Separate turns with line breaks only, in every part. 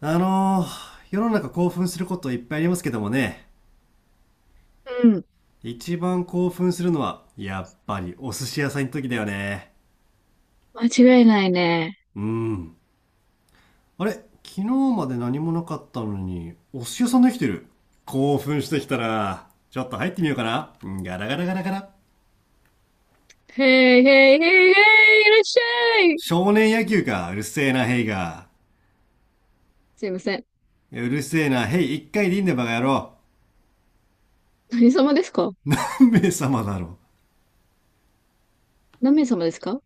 世の中興奮することいっぱいありますけどもね、
うん。
一番興奮するのは、やっぱりお寿司屋さんの時だよね。
間違いないね。
うん。あれ昨日まで何もなかったのに、お寿司屋さんできてる。興奮してきたら、ちょっと入ってみようかな。うん、ガラガラガラガラ。
へいへいへいへい、いらっしゃい。
少年野球か、うるせえな、ヘイが。
すいません。
うるせえな、ヘイ、一回でいいんだよ、バカ野郎。
何様ですか？
目様だろ。
何名様ですか？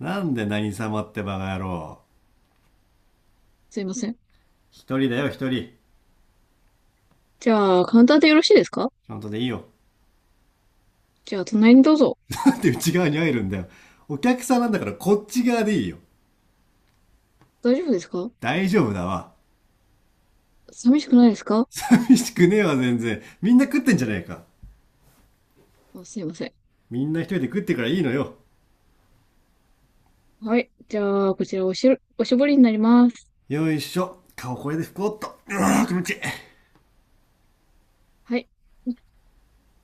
なんで何様ってバカ野郎。
すいません。
一人だよ、一人。
じゃあ、カウンターでよろしいですか？
ちゃんとでいいよ。
じゃあ、隣にどうぞ。
って内側に入るんだよ。お客さんなんだからこっち側でいいよ。
大丈夫ですか？
大丈夫だわ。
寂しくないですか？
寂しくねえわ、全然。みんな食ってんじゃねえか。
あ、すいません。
みんな一人で食ってからいいのよ。
はい。じゃあ、こちらおしる、おしぼりになります。
よいしょ。顔これで拭こうっと。うわー気持ちいい。
はい。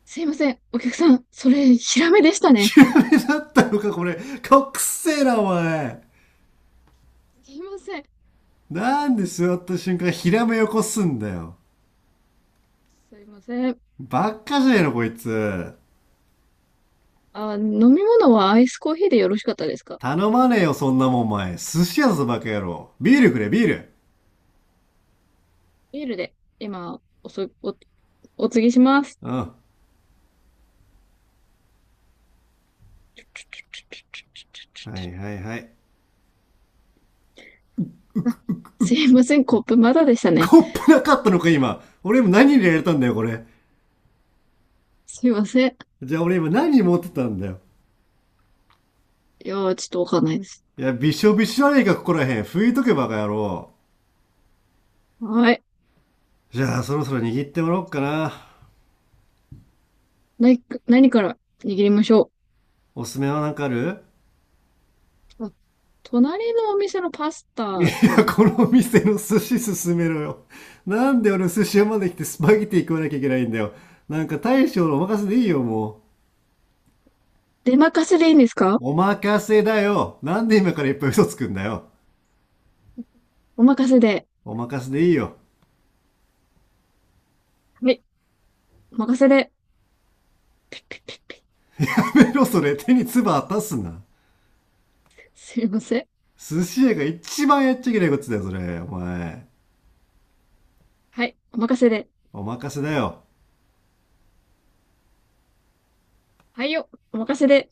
すいません。お客さん、それ、ヒラメでしたね。
ひらめだったのか、これ。顔くっせえな、お前。
すいません。
なんで座った瞬間、ひらめよこすんだよ。
すいません。
ばっかじゃねえの、こいつ。
飲み物はアイスコーヒーでよろしかったですか？
頼まねえよ、そんなもん、お前。寿司屋だぞ、バカ野郎。ビールくれ、ビール。
ビールで、今、おそ、お、お継ぎします。
うん。はいはいはい。
あすいません、コップまだでしたね。
コップなかったのか、今。俺今何入れられたんだよ、これ。
すいません。
じゃあ俺今何持ってたんだよ。
いやー、ちょっとわかんないです。
いや、びしょびしょあれねか、ここらへん。拭いとけばかやろ
はい。
う。じゃあ、そろそろ握ってもらおうかな。
何か、何から握りましょ
おすすめは何かある？
う。隣のお店のパス
い
タです
や、
ね。
この店の寿司勧めろよ。なんで俺寿司屋まで来てスパゲティ食わなきゃいけないんだよ。なんか大将のお任せでいいよ、も
出任せでいいんですか？
う。お任せだよ。なんで今からいっぱい嘘つくんだよ。
お任せで。
お任せでいいよ。
はい。お任せで。
やめろ、それ。手に唾当たすな。
すいません。
寿司屋が一番やっちゃいけないことだよ、それ。お前。
はい。お任せで。
お任せだよ。
はいよ。お任せで。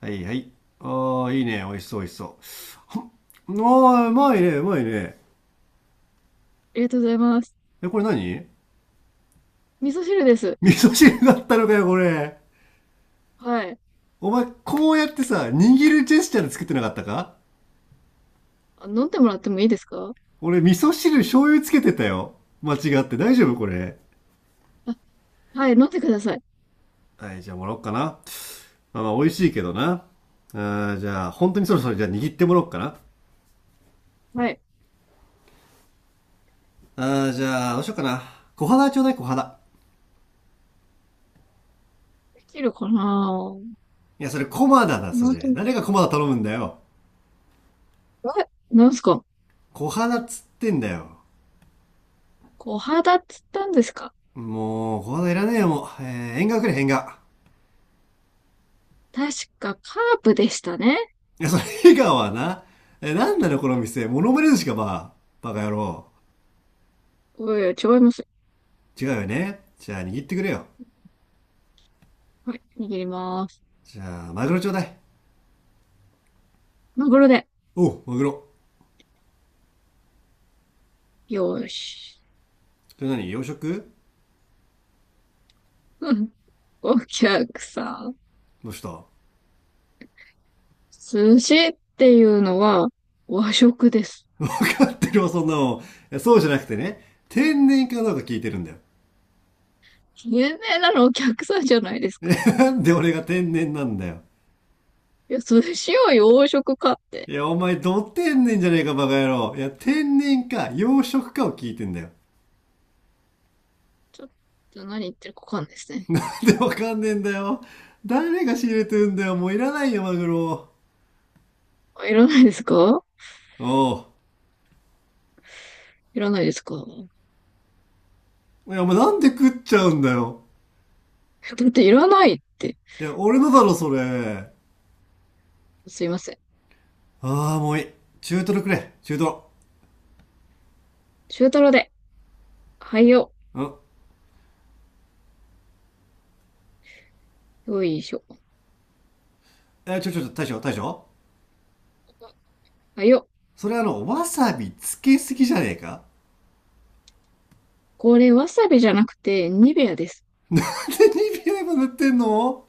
はい、はい。ああ、いいね。美味しそう、美味しそう。ああ、うまいね、うまいね。
ありがとうございます。
え、これ何？
味噌汁です。
味噌汁だったのかよ、これ。
はい。
お前、こうやってさ、握るジェスチャーで作ってなかったか？
飲んでもらってもいいですか？
俺、味噌汁醤油つけてたよ。間違って。大丈夫これ？
あ、はい。飲んでください。
はい、じゃあもらおっかな。まあまあ、美味しいけどな。ああ、じゃあ、本当にそろそろじゃあ握ってもらおっかな。あ
はい。
あ、じゃあ、どうしようかな。小肌ちょうだい、小肌。
できるかな？
いや、それコマダだ、
こ
そ
の後、
れ。誰がコマダ頼むんだよ。
え、なんすか？
小花っつってんだよ。
小肌っつったんですか？
もう、小花いらねえよ、もう。縁側くれ、縁側。
確かカープでしたね。
いや、それ、縁側はな。え、なんなの、この店。モノマネ寿司か、ば。バカ野郎。
おいおい、違いますよ。
違うよね。じゃあ、握ってくれよ。
はい、握ります。
じゃあ、マグロちょうだい。
マグロで。
おう、マグロ。
よーし。
それ何、洋食？
うん、お客さん。
どうした？わ
寿司っていうのは和食です。
かってるわ、そんなの。そうじゃなくてね。天然かどうか聞いてるんだよ。
有名なのお客さんじゃないです か。
なんで俺が天然なんだよ。
いや、寿司を洋食かって。
いや、お前、ど天然じゃねえか、バカ野郎。いや、天然か、養殖かを聞いてんだよ。
ちょっと何言ってるかわかんないですね。
で、わかんねえんだよ。誰が仕入れてんだよ。もういらないよ、マグロ。
あ、いらないですか？
おう。
いらないですかだ
いや、お前、なんで食っちゃうんだよ。
っていらないって。
いや、俺のだろ、それ。
すいません。
ああ、もういい。中トロくれ、中トロ。
中トロで。はいよ。
うん。
よいしょ。
え、ちょ、ちょ、ちょ、大将、大将。
あよ、
それあの、わさびつけすぎじゃねえか？
これわさびじゃなくてニベアです。
で、2秒も塗ってんの？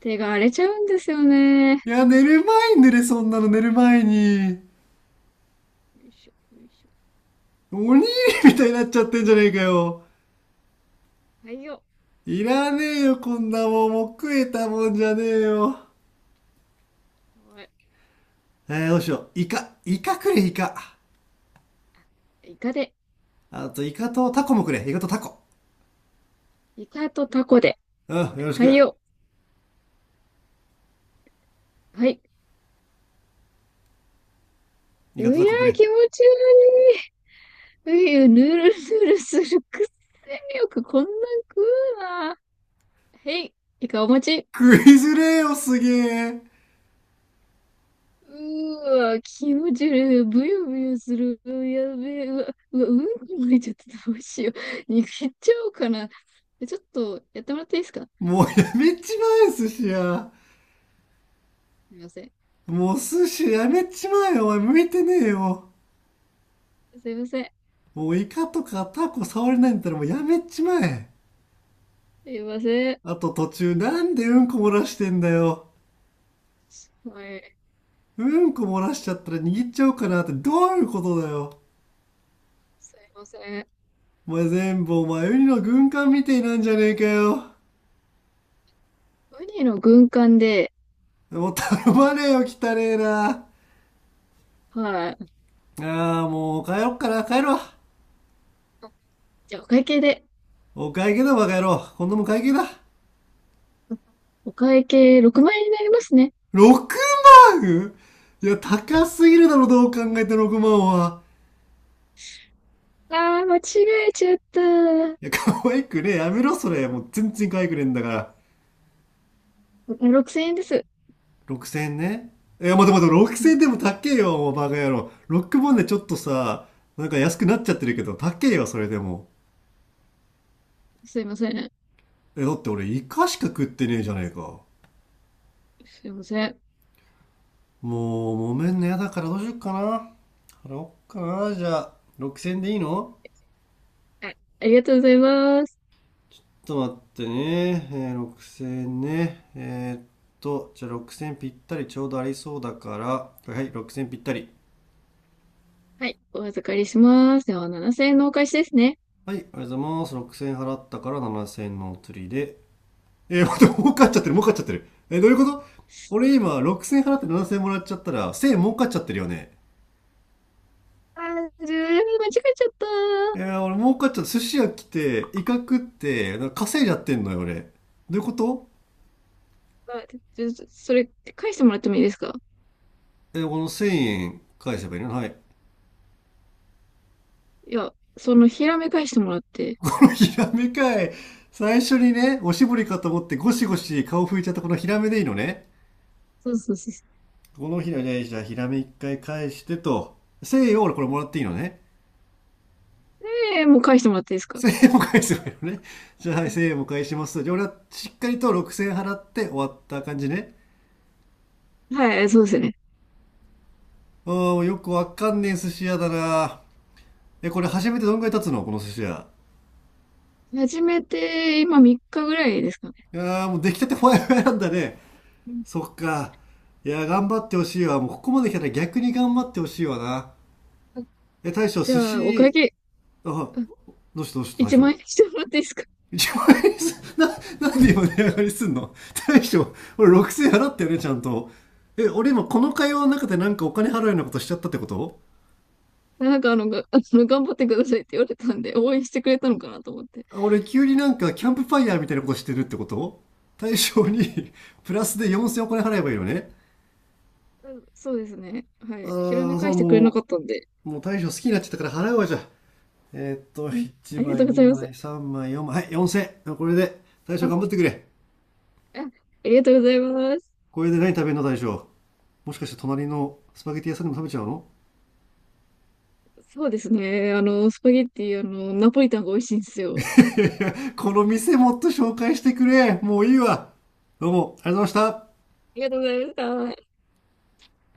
手が荒れちゃうんですよね。よ
いや、寝る前に塗れ、そんなの寝る前に。
いしょ、よいし
おにぎりみたいになっちゃってんじゃねえかよ。
ょ。はいよ。
いらねえよ、こんなもん。もう食えたもんじゃねえよ。
はい。
どうしよう。イカ。イカくれ、イカ。
イカで、
あと、イカとタコもくれ。イカとタコ。
イカとタコで。
うん、よろし
はい
く。
よ。はい。
イ
う
カ
や
とタコく
ー、
れ。
気持ち悪い。うゆ、ぬるぬるする。くっせよくこんなん食うな。へい、イカお待ち。
食いづれえよ、すげえ。
うーわ、気持ち悪い。ぶよぶよする。うやべえ。うわ、うわ、うんこ漏れちゃってたどうしよう。逃っちゃおうかな。ちょっとやってもらっていいですか？
もうやめちまえ、寿司や。
すいません。
もう寿司やめちまえよ、お前向いてねえよ。
すいません。
もうイカとかタコ触れないんだったらもうやめちまえ。
すいません。
あと途中なんでうんこ漏らしてんだよ。
はい。
うんこ漏らしちゃったら握っちゃおうかなってどういうことだよ。
すいません。
お前全部お前ウニの軍艦みてえなんじゃねえかよ。
ウニの軍艦で、
もう頼まねえよ、汚ねえな。あ
はい。
あ、もう帰ろっかな、帰ろう。
あじゃあ、お会計で。
お会計だ、バカ野郎。今度も会計だ。
お会計6万円になりますね。
6万？いや、高すぎるだろ、どう考えて6万は。
ああ、間違えちゃった。
いや、可愛くねえ。やめろ、それ。もう全然可愛くねえんだから。
6000円です。
6千円ね。いや、待て待て、6
う
千
ん、
円でも高えよ、もうバカ野郎。6万でちょっとさ、なんか安くなっちゃってるけど、高えよ、それでも。
すいません。
え、だって俺、イカしか食ってねえじゃねえか。
すいません。
もう揉めんのやだからどうしよっかな。払おっかな、じゃあ。6000円でいいの？
はい。ありがとうございます。
ちょっと待ってね、6000円ね、じゃあ6000円ぴったりちょうどありそうだから、はいはい、6000円ぴったり。
はい。お預かりします。では、7000円のお返しですね。
はい、ありがとうございます。6000円払ったから7000円のお釣りで、待って、儲かっちゃってる、儲かっちゃってる。どういうこと？俺今6000円払って7000円もらっちゃったら1000円儲かっちゃってるよね。
ああ、ずー間違えちゃった。
俺儲かっちゃって寿司屋来てイカ食って稼いじゃってんのよ、俺。どういうこと？
あ、ちそれ、返してもらってもいいですか？
え、この1000円返せばいいの？はい。
いや、その、ひらめ返してもらっ て。
このヒラメかい。最初にね、おしぼりかと思ってゴシゴシ顔拭いちゃったこのヒラメでいいのね。
そうそうそう、
このヒラメ、じゃあヒラメ一回返してと。1000円を俺これもらっていいのね。
えーもう返してもらっていいですか？
1000円も返せばいいのね。じゃあはい、1000円も返します。じゃあ俺はしっかりと6000円払って終わった感じね。
はい、そうですね。
あー、よくわかんねえ寿司屋だな。え、これ初めてどんぐらい経つの、この寿司屋。
始めて、今3日ぐらいですかね。
いやーもう出来たてほやほやなんだね。
うん、
そっか。いや、頑張ってほしいわ。もうここまで来たら逆に頑張ってほしいわな。
あ
え、大将、
じ
寿
ゃあ、お会
司、
計、
あ、
あ
どうしたどうした大
1
将。
万円してもらっていいですか？
1万円にす、な、なん
うん。
で今値上がりすんの？大将、俺6000円払ったよね、ちゃんと。え、俺今この会話の中でなんかお金払う ようなことしちゃったってこと？
なんかあの、頑張ってくださいって言われたんで、応援してくれたのかなと思って。
あ、俺急になんかキャンプファイヤーみたいなことしてるってこと？大将に プラスで4000円お金払えばいいよね？
うん、そうですね。はい。ひら
あ
め
あ、そ
返
う、
してくれなか
も
ったんで。
う、もう大将好きになっちゃったから払うわ、じゃあ。
うん、
1
ありがと
枚、
うございま
2
す。
枚、3枚、4枚、はい、4000。これで、大
あ、
将
あ、
頑張ってくれ。
ありがとうございます。
これで何食べるの、大将。もしかして隣のスパゲティ屋さんでも食べちゃうの？
そうですね。あの、スパゲッティ、あの、ナポリタンが美味しいんですよ。あ
この店もっと紹介してくれ。もういいわ。どうも、ありがとうございました。
りがとうございました。